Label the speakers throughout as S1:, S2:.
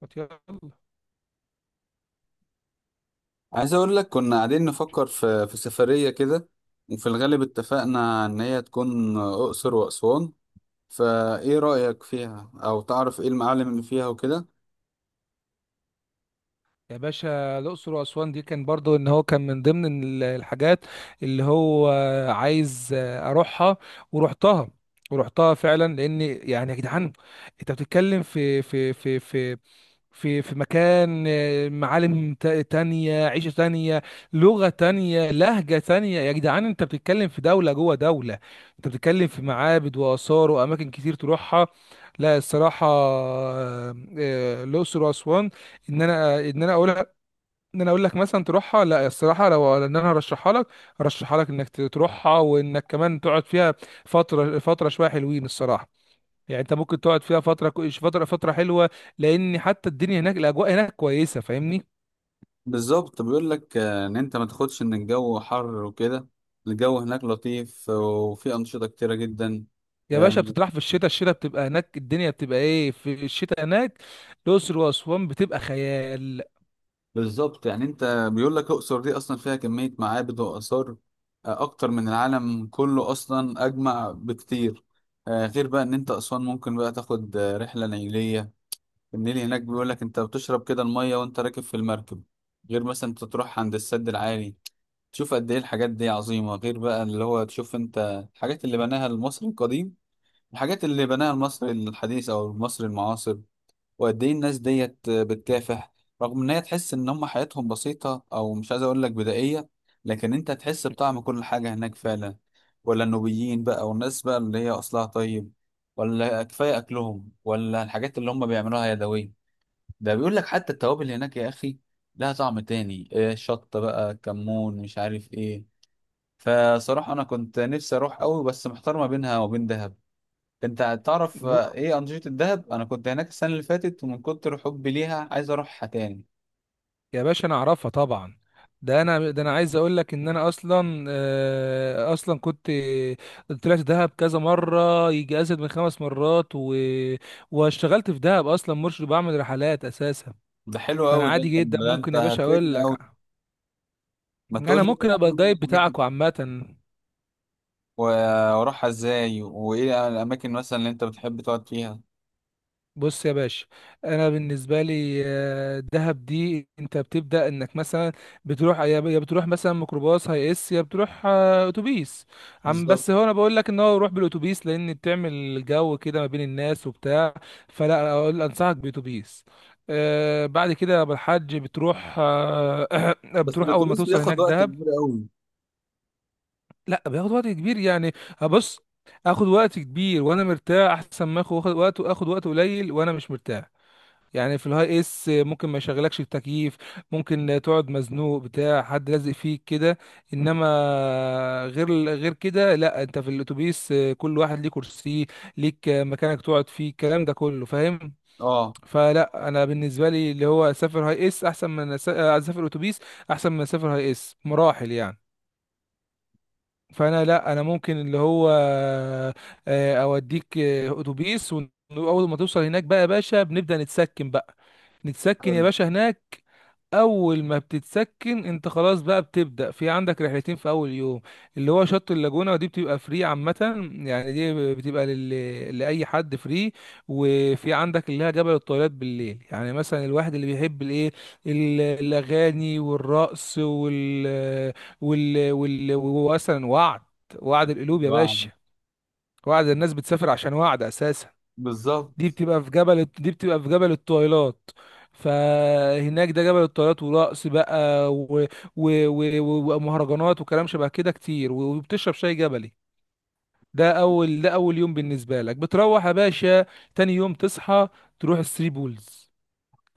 S1: طب يلا.
S2: عايز اقول لك كنا قاعدين نفكر في سفرية كده. وفي الغالب اتفقنا ان هي تكون اقصر واسوان، فايه رأيك فيها او تعرف ايه المعالم اللي فيها وكده؟
S1: يا باشا، الأقصر وأسوان دي كان برضو إن هو كان من ضمن الحاجات اللي هو عايز أروحها، ورحتها. ورحتها فعلا، لأن يعني يا جدعان، أنت بتتكلم في مكان، معالم تانية، عيشة تانية، لغة تانية، لهجة تانية. يا جدعان، انت بتتكلم في دولة جوه دولة، انت بتتكلم في معابد وآثار وأماكن كتير تروحها. لا الصراحة، الأقصر وأسوان، إن أنا أقول، إن أنا أقول لك مثلا تروحها. لا الصراحة، لو إن أنا هرشحها لك إنك تروحها، وإنك كمان تقعد فيها فترة، فترة شوية حلوين الصراحة. يعني انت ممكن تقعد فيها فتره فتره حلوه، لان حتى الدنيا هناك، الاجواء هناك كويسه، فاهمني.
S2: بالظبط، بيقول لك ان انت ما تاخدش ان الجو حر وكده، الجو هناك لطيف، وفي انشطة كتيرة جدا.
S1: يا باشا، بتطرح في الشتاء بتبقى هناك. الدنيا بتبقى ايه في الشتاء هناك؟ الاقصر واسوان بتبقى خيال.
S2: بالظبط، يعني انت بيقول لك الاقصر دي اصلا فيها كميه معابد واثار اكتر من العالم كله اصلا اجمع بكتير. غير بقى ان انت اسوان ممكن بقى تاخد رحله نيليه. النيل هناك بيقول لك انت بتشرب كده الميه وانت راكب في المركب، غير مثلا انت تروح عند السد العالي، تشوف قد ايه الحاجات دي عظيمه، غير بقى اللي هو تشوف انت الحاجات اللي بناها المصري القديم، الحاجات اللي بناها المصري الحديث او المصري المعاصر. وقد ايه الناس ديت بتكافح، رغم ان هي تحس ان هم حياتهم بسيطة او مش عايز اقول لك بدائية، لكن انت تحس بطعم كل حاجة هناك فعلا. ولا النوبيين بقى والناس بقى اللي هي اصلها طيب، ولا كفاية اكلهم، ولا الحاجات اللي هم بيعملوها يدوية. ده بيقول لك حتى التوابل هناك يا اخي لها طعم تاني، إيه شطة بقى، كمون، مش عارف ايه. فصراحة انا كنت نفسي اروح قوي بس محتار ما بينها وبين دهب. انت تعرف
S1: ب-
S2: ايه انشطة الدهب؟ انا كنت هناك السنة اللي فاتت ومن كتر حبي ليها عايز اروحها تاني.
S1: يا باشا انا اعرفها طبعا. ده انا عايز اقول لك ان انا اصلا، اصلا كنت طلعت دهب كذا مره، يجي ازيد من خمس مرات و... واشتغلت في دهب اصلا مرشد، بعمل رحلات اساسا.
S2: ده حلو
S1: فانا
S2: قوي، ده
S1: عادي
S2: انت
S1: جدا
S2: ده انت
S1: ممكن يا باشا اقول
S2: هتفيدني
S1: لك،
S2: قوي. ما تقول
S1: انا
S2: لي ايه
S1: ممكن ابقى
S2: اهم
S1: الجايد
S2: الحاجات
S1: بتاعك عامه.
S2: و- واروحها ازاي وايه الاماكن مثلا اللي انت بتحب تقعد فيها.
S1: بص يا باشا، انا بالنسبه لي دهب دي، انت بتبدا انك مثلا بتروح يا بتروح مثلا ميكروباص هي اس، يا بتروح اتوبيس. عم
S2: بالظبط.
S1: بس هو انا بقول لك ان هو روح بالاتوبيس، لان بتعمل جو كده ما بين الناس وبتاع. فلا، اقول انصحك باتوبيس. بعد كده يا أبو الحاج بتروح
S2: بس
S1: بتروح اول ما
S2: الاتوبيس
S1: توصل
S2: بياخد
S1: هناك
S2: وقت
S1: دهب.
S2: كبير قوي.
S1: لا بياخد وقت كبير يعني، بص، اخد وقت كبير وانا مرتاح احسن ما اخد وقت قليل وانا مش مرتاح. يعني في الهاي اس ممكن ما يشغلكش التكييف، ممكن تقعد مزنوق بتاع، حد لازق فيك كده، انما غير كده لا، انت في الاتوبيس كل واحد ليه كرسي، ليك مكانك تقعد فيه، الكلام ده كله فاهم.
S2: اه.
S1: فلا انا بالنسبه لي، اللي هو اسافر هاي اس احسن من اسافر اتوبيس، احسن من اسافر هاي اس مراحل يعني. فانا لا، انا ممكن اللي هو اوديك اتوبيس. واول ما توصل هناك بقى يا باشا بنبدأ نتسكن بقى، نتسكن يا
S2: حلو.
S1: باشا هناك. اول ما بتتسكن انت خلاص بقى بتبدأ، في عندك رحلتين في اول يوم، اللي هو شط اللاجونة، ودي بتبقى فري عامة، يعني دي بتبقى لأي حد فري. وفي عندك اللي هي جبل الطويلات بالليل، يعني مثلا الواحد اللي بيحب الايه، الاغاني والرقص ومثلا وعد، وعد القلوب يا
S2: واحد.
S1: باشا، وعد الناس بتسافر عشان وعد اساسا.
S2: بالظبط،
S1: دي بتبقى في جبل الطويلات. فهناك ده جبل الطويلات ورقص بقى و... و... ومهرجانات وكلام شبه كده كتير، وبتشرب شاي جبلي. ده اول يوم بالنسبه لك بتروح يا باشا. تاني يوم تصحى تروح الثري بولز.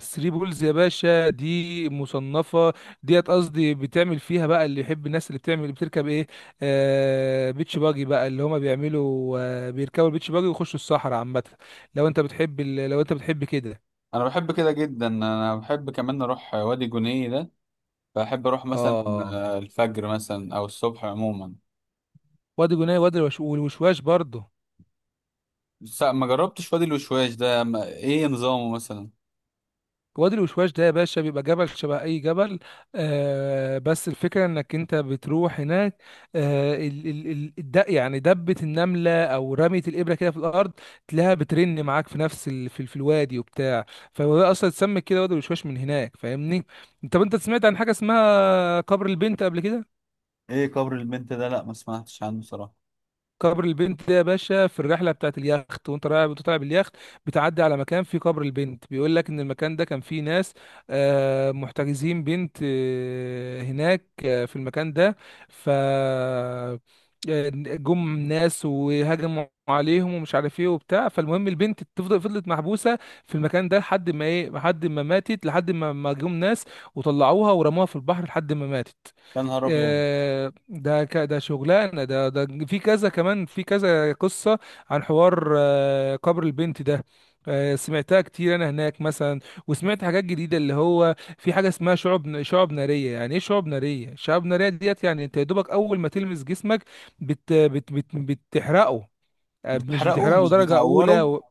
S1: ثري بولز يا باشا دي مصنفة، ديت قصدي بتعمل فيها بقى اللي يحب، الناس اللي بتعمل اللي بتركب ايه، بيتش باجي بقى، اللي هما بيعملوا بيركبوا البيتش باجي ويخشوا الصحراء عامة. لو انت بتحب كده.
S2: انا بحب كده جدا، انا بحب كمان اروح وادي جنيه ده، بحب اروح مثلا
S1: اه،
S2: الفجر مثلا او الصبح عموما.
S1: وادي جناي، والوشواش برضه.
S2: بس ما جربتش وادي الوشواش ده، ما... ايه نظامه مثلا؟
S1: وادي الوشواش ده يا باشا بيبقى جبل شبه اي جبل، بس الفكره انك انت بتروح هناك يعني دبه النمله او رميه الابره كده في الارض، تلاقيها بترن معاك في نفس في الوادي وبتاع. فهو ده اصلا اتسمى كده وادي الوشواش من هناك، فاهمني. انت سمعت عن حاجه اسمها قبر البنت قبل كده؟
S2: ايه قبر البنت ده؟ لا، ما سمعتش عنه صراحة.
S1: قبر البنت ده يا باشا في الرحله بتاعت اليخت، وانت رايح وانت طالع باليخت بتعدي على مكان فيه قبر البنت، بيقول لك ان المكان ده كان فيه ناس محتجزين بنت هناك في المكان ده. ف جم ناس وهجموا عليهم ومش عارف ايه وبتاع. فالمهم البنت فضلت محبوسه في المكان ده لحد ما ايه، لحد ما ماتت، لحد ما ما جم ناس وطلعوها ورموها في البحر لحد ما ماتت.
S2: يا نهار ابيض.
S1: ده شغلانه، ده في كذا كمان، في كذا قصه عن حوار قبر البنت ده، سمعتها كتير انا هناك مثلا. وسمعت حاجات جديده، اللي هو في حاجه اسمها شعب ناريه. يعني ايه شعب ناريه؟ شعب ناريه ديت يعني انت يا دوبك اول ما تلمس جسمك بت بت بت بتحرقه مش
S2: بتحرقه
S1: بتحرقه
S2: مش
S1: درجه اولى
S2: بتعوره؟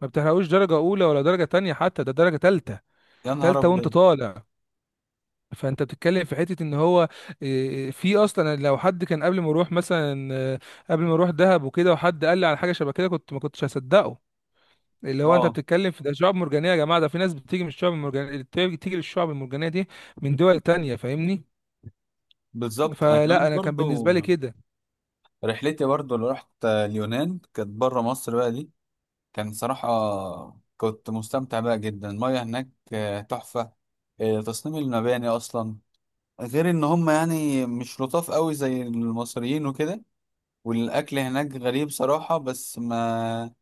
S1: ما بتحرقوش درجه اولى ولا درجه تانية، حتى ده درجه تالتة.
S2: يا نهار
S1: تالتة وانت
S2: ابيض.
S1: طالع. فانت بتتكلم في حته ان هو، في اصلا لو حد كان قبل ما اروح دهب وكده، وحد قال لي على حاجه شبه كده، كنت ما كنتش هصدقه. اللي هو انت
S2: اه.
S1: بتتكلم في ده شعاب مرجانيه يا جماعه، ده في ناس بتيجي من الشعاب المرجانيه، بتيجي للشعاب المرجانيه دي من دول تانية، فاهمني.
S2: بالظبط، انا
S1: فلا،
S2: كمان
S1: انا كان بالنسبه
S2: برضو
S1: لي كده.
S2: رحلتي، برضو اللي رحت اليونان كانت بره مصر بقى دي، كان صراحة كنت مستمتع بقى جدا. المياه هناك تحفة، تصميم المباني اصلا، غير ان هم يعني مش لطاف قوي زي المصريين وكده. والاكل هناك غريب صراحة، بس ما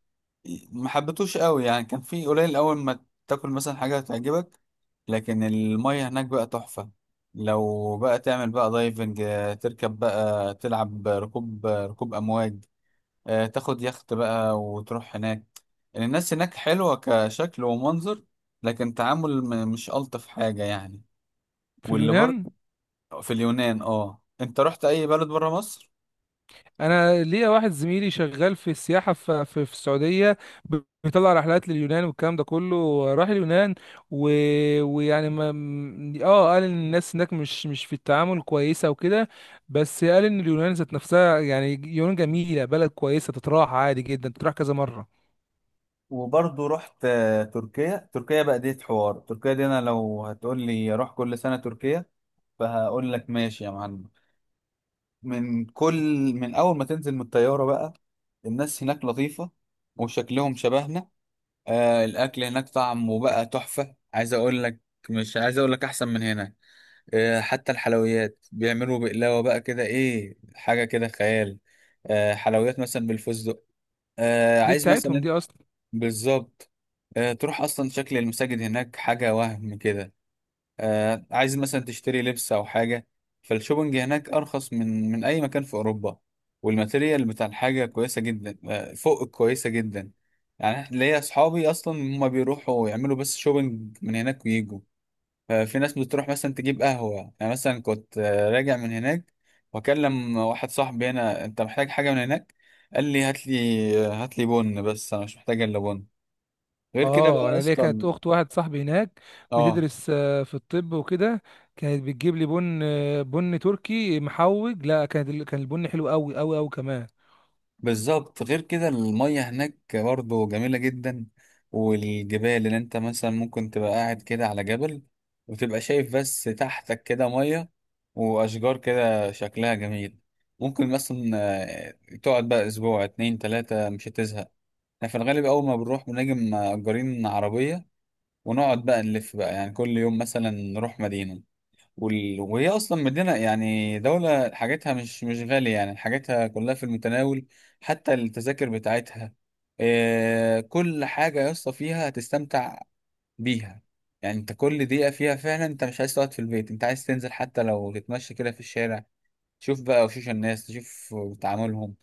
S2: ما حبيتوش قوي، يعني كان في قليل اول ما تاكل مثلا حاجه تعجبك، لكن الميه هناك بقى تحفه. لو بقى تعمل بقى دايفنج، تركب بقى تلعب ركوب امواج، تاخد يخت بقى وتروح هناك. يعني الناس هناك حلوه كشكل ومنظر، لكن تعامل مش الطف حاجه يعني.
S1: في
S2: واللي برضه
S1: اليونان؟
S2: في اليونان. اه، انت رحت اي بلد بره مصر؟
S1: انا ليا واحد زميلي شغال في السياحه في السعوديه، ب- بيطلع رحلات لليونان والكلام ده كله، راح اليونان و... ويعني ما م- اه قال ان الناس هناك مش في التعامل كويسه وكده. بس قال ان اليونان ذات نفسها، يعني اليونان جميله، بلد كويسه تتراح عادي جدا، تتراح كذا مره.
S2: وبرضه رحت تركيا. تركيا بقى دي حوار، تركيا دي انا لو هتقول لي اروح كل سنة تركيا فهقول لك ماشي يا معلم. من كل من اول ما تنزل من الطيارة بقى، الناس هناك لطيفة وشكلهم شبهنا. الاكل هناك طعمه بقى تحفة، عايز اقول لك مش عايز اقول لك احسن من هنا. حتى الحلويات بيعملوا بقلاوة بقى كده، ايه، حاجة كده خيال، حلويات مثلا بالفستق،
S1: دي
S2: عايز
S1: بتاعتهم
S2: مثلا.
S1: دي اصلا.
S2: بالظبط. تروح اصلا شكل المساجد هناك حاجه، وهم كده عايز مثلا تشتري لبس او حاجه، فالشوبنج هناك ارخص من اي مكان في اوروبا، والماتيريال بتاع الحاجه كويسه جدا، فوق كويسه جدا. يعني ليا اصحابي اصلا هما بيروحوا يعملوا بس شوبنج من هناك ويجوا. في ناس بتروح مثلا تجيب قهوه، يعني مثلا كنت راجع من هناك واكلم واحد صاحبي هنا، انت محتاج حاجه من هناك؟ قال لي هات لي هات لي بن، بس انا مش محتاج الا بن غير كده
S1: اه،
S2: بقى
S1: انا ليا كانت
S2: اصلا.
S1: اخت واحد صاحبي هناك
S2: اه،
S1: بتدرس في الطب وكده، كانت بتجيب لي بن، بن تركي محوج. لا، كانت كان البن حلو قوي قوي قوي كمان.
S2: بالظبط. غير كده المية هناك برضو جميلة جدا، والجبال اللي انت مثلا ممكن تبقى قاعد كده على جبل وتبقى شايف بس تحتك كده مية، واشجار كده شكلها جميل. ممكن مثلا تقعد بقى اسبوع اتنين تلاتة مش هتزهق. احنا في الغالب اول ما بنروح بنجي مأجرين عربية، ونقعد بقى نلف بقى، يعني كل يوم مثلا نروح مدينة. وهي اصلا مدينه، يعني دوله حاجتها مش غاليه، يعني حاجتها كلها في المتناول، حتى التذاكر بتاعتها. كل حاجه يا اسطى فيها هتستمتع بيها. يعني انت كل دقيقه فيها فعلا انت مش عايز تقعد في البيت، انت عايز تنزل حتى لو تتمشى كده في الشارع، شوف بقى وشوش الناس، تشوف تعاملهم،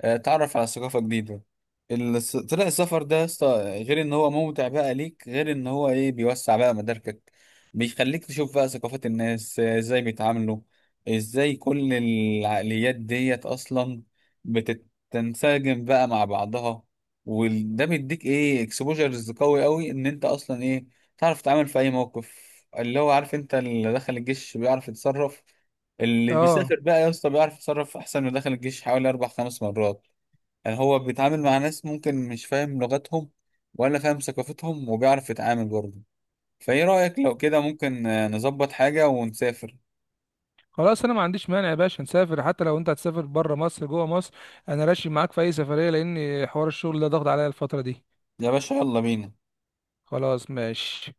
S2: تعرف على ثقافة جديدة. طلع السفر ده يا اسطى، غير ان هو ممتع بقى ليك، غير ان هو ايه، بيوسع بقى مداركك، بيخليك تشوف بقى ثقافات الناس ازاي بيتعاملوا، ازاي كل العقليات ديت اصلا بتتنسجم بقى مع بعضها، وده بيديك ايه اكسبوجرز قوي قوي ان انت اصلا ايه، تعرف تتعامل في اي موقف. اللي هو عارف، انت اللي دخل الجيش بيعرف يتصرف، اللي
S1: اه،
S2: بيسافر بقى يا اسطى بيعرف يتصرف احسن ودخل الجيش حوالي 4 5 مرات. يعني هو بيتعامل مع ناس ممكن مش فاهم لغتهم ولا فاهم ثقافتهم وبيعرف يتعامل برضه. فايه رأيك لو كده ممكن نظبط حاجة ونسافر.
S1: خلاص انا ما عنديش مانع يا باشا نسافر، حتى لو انت هتسافر بره مصر جوه مصر انا راشي معاك في اي سفريه، لان حوار الشغل ده ضغط عليا الفتره دي.
S2: يا باشا يلا بينا.
S1: خلاص ماشي.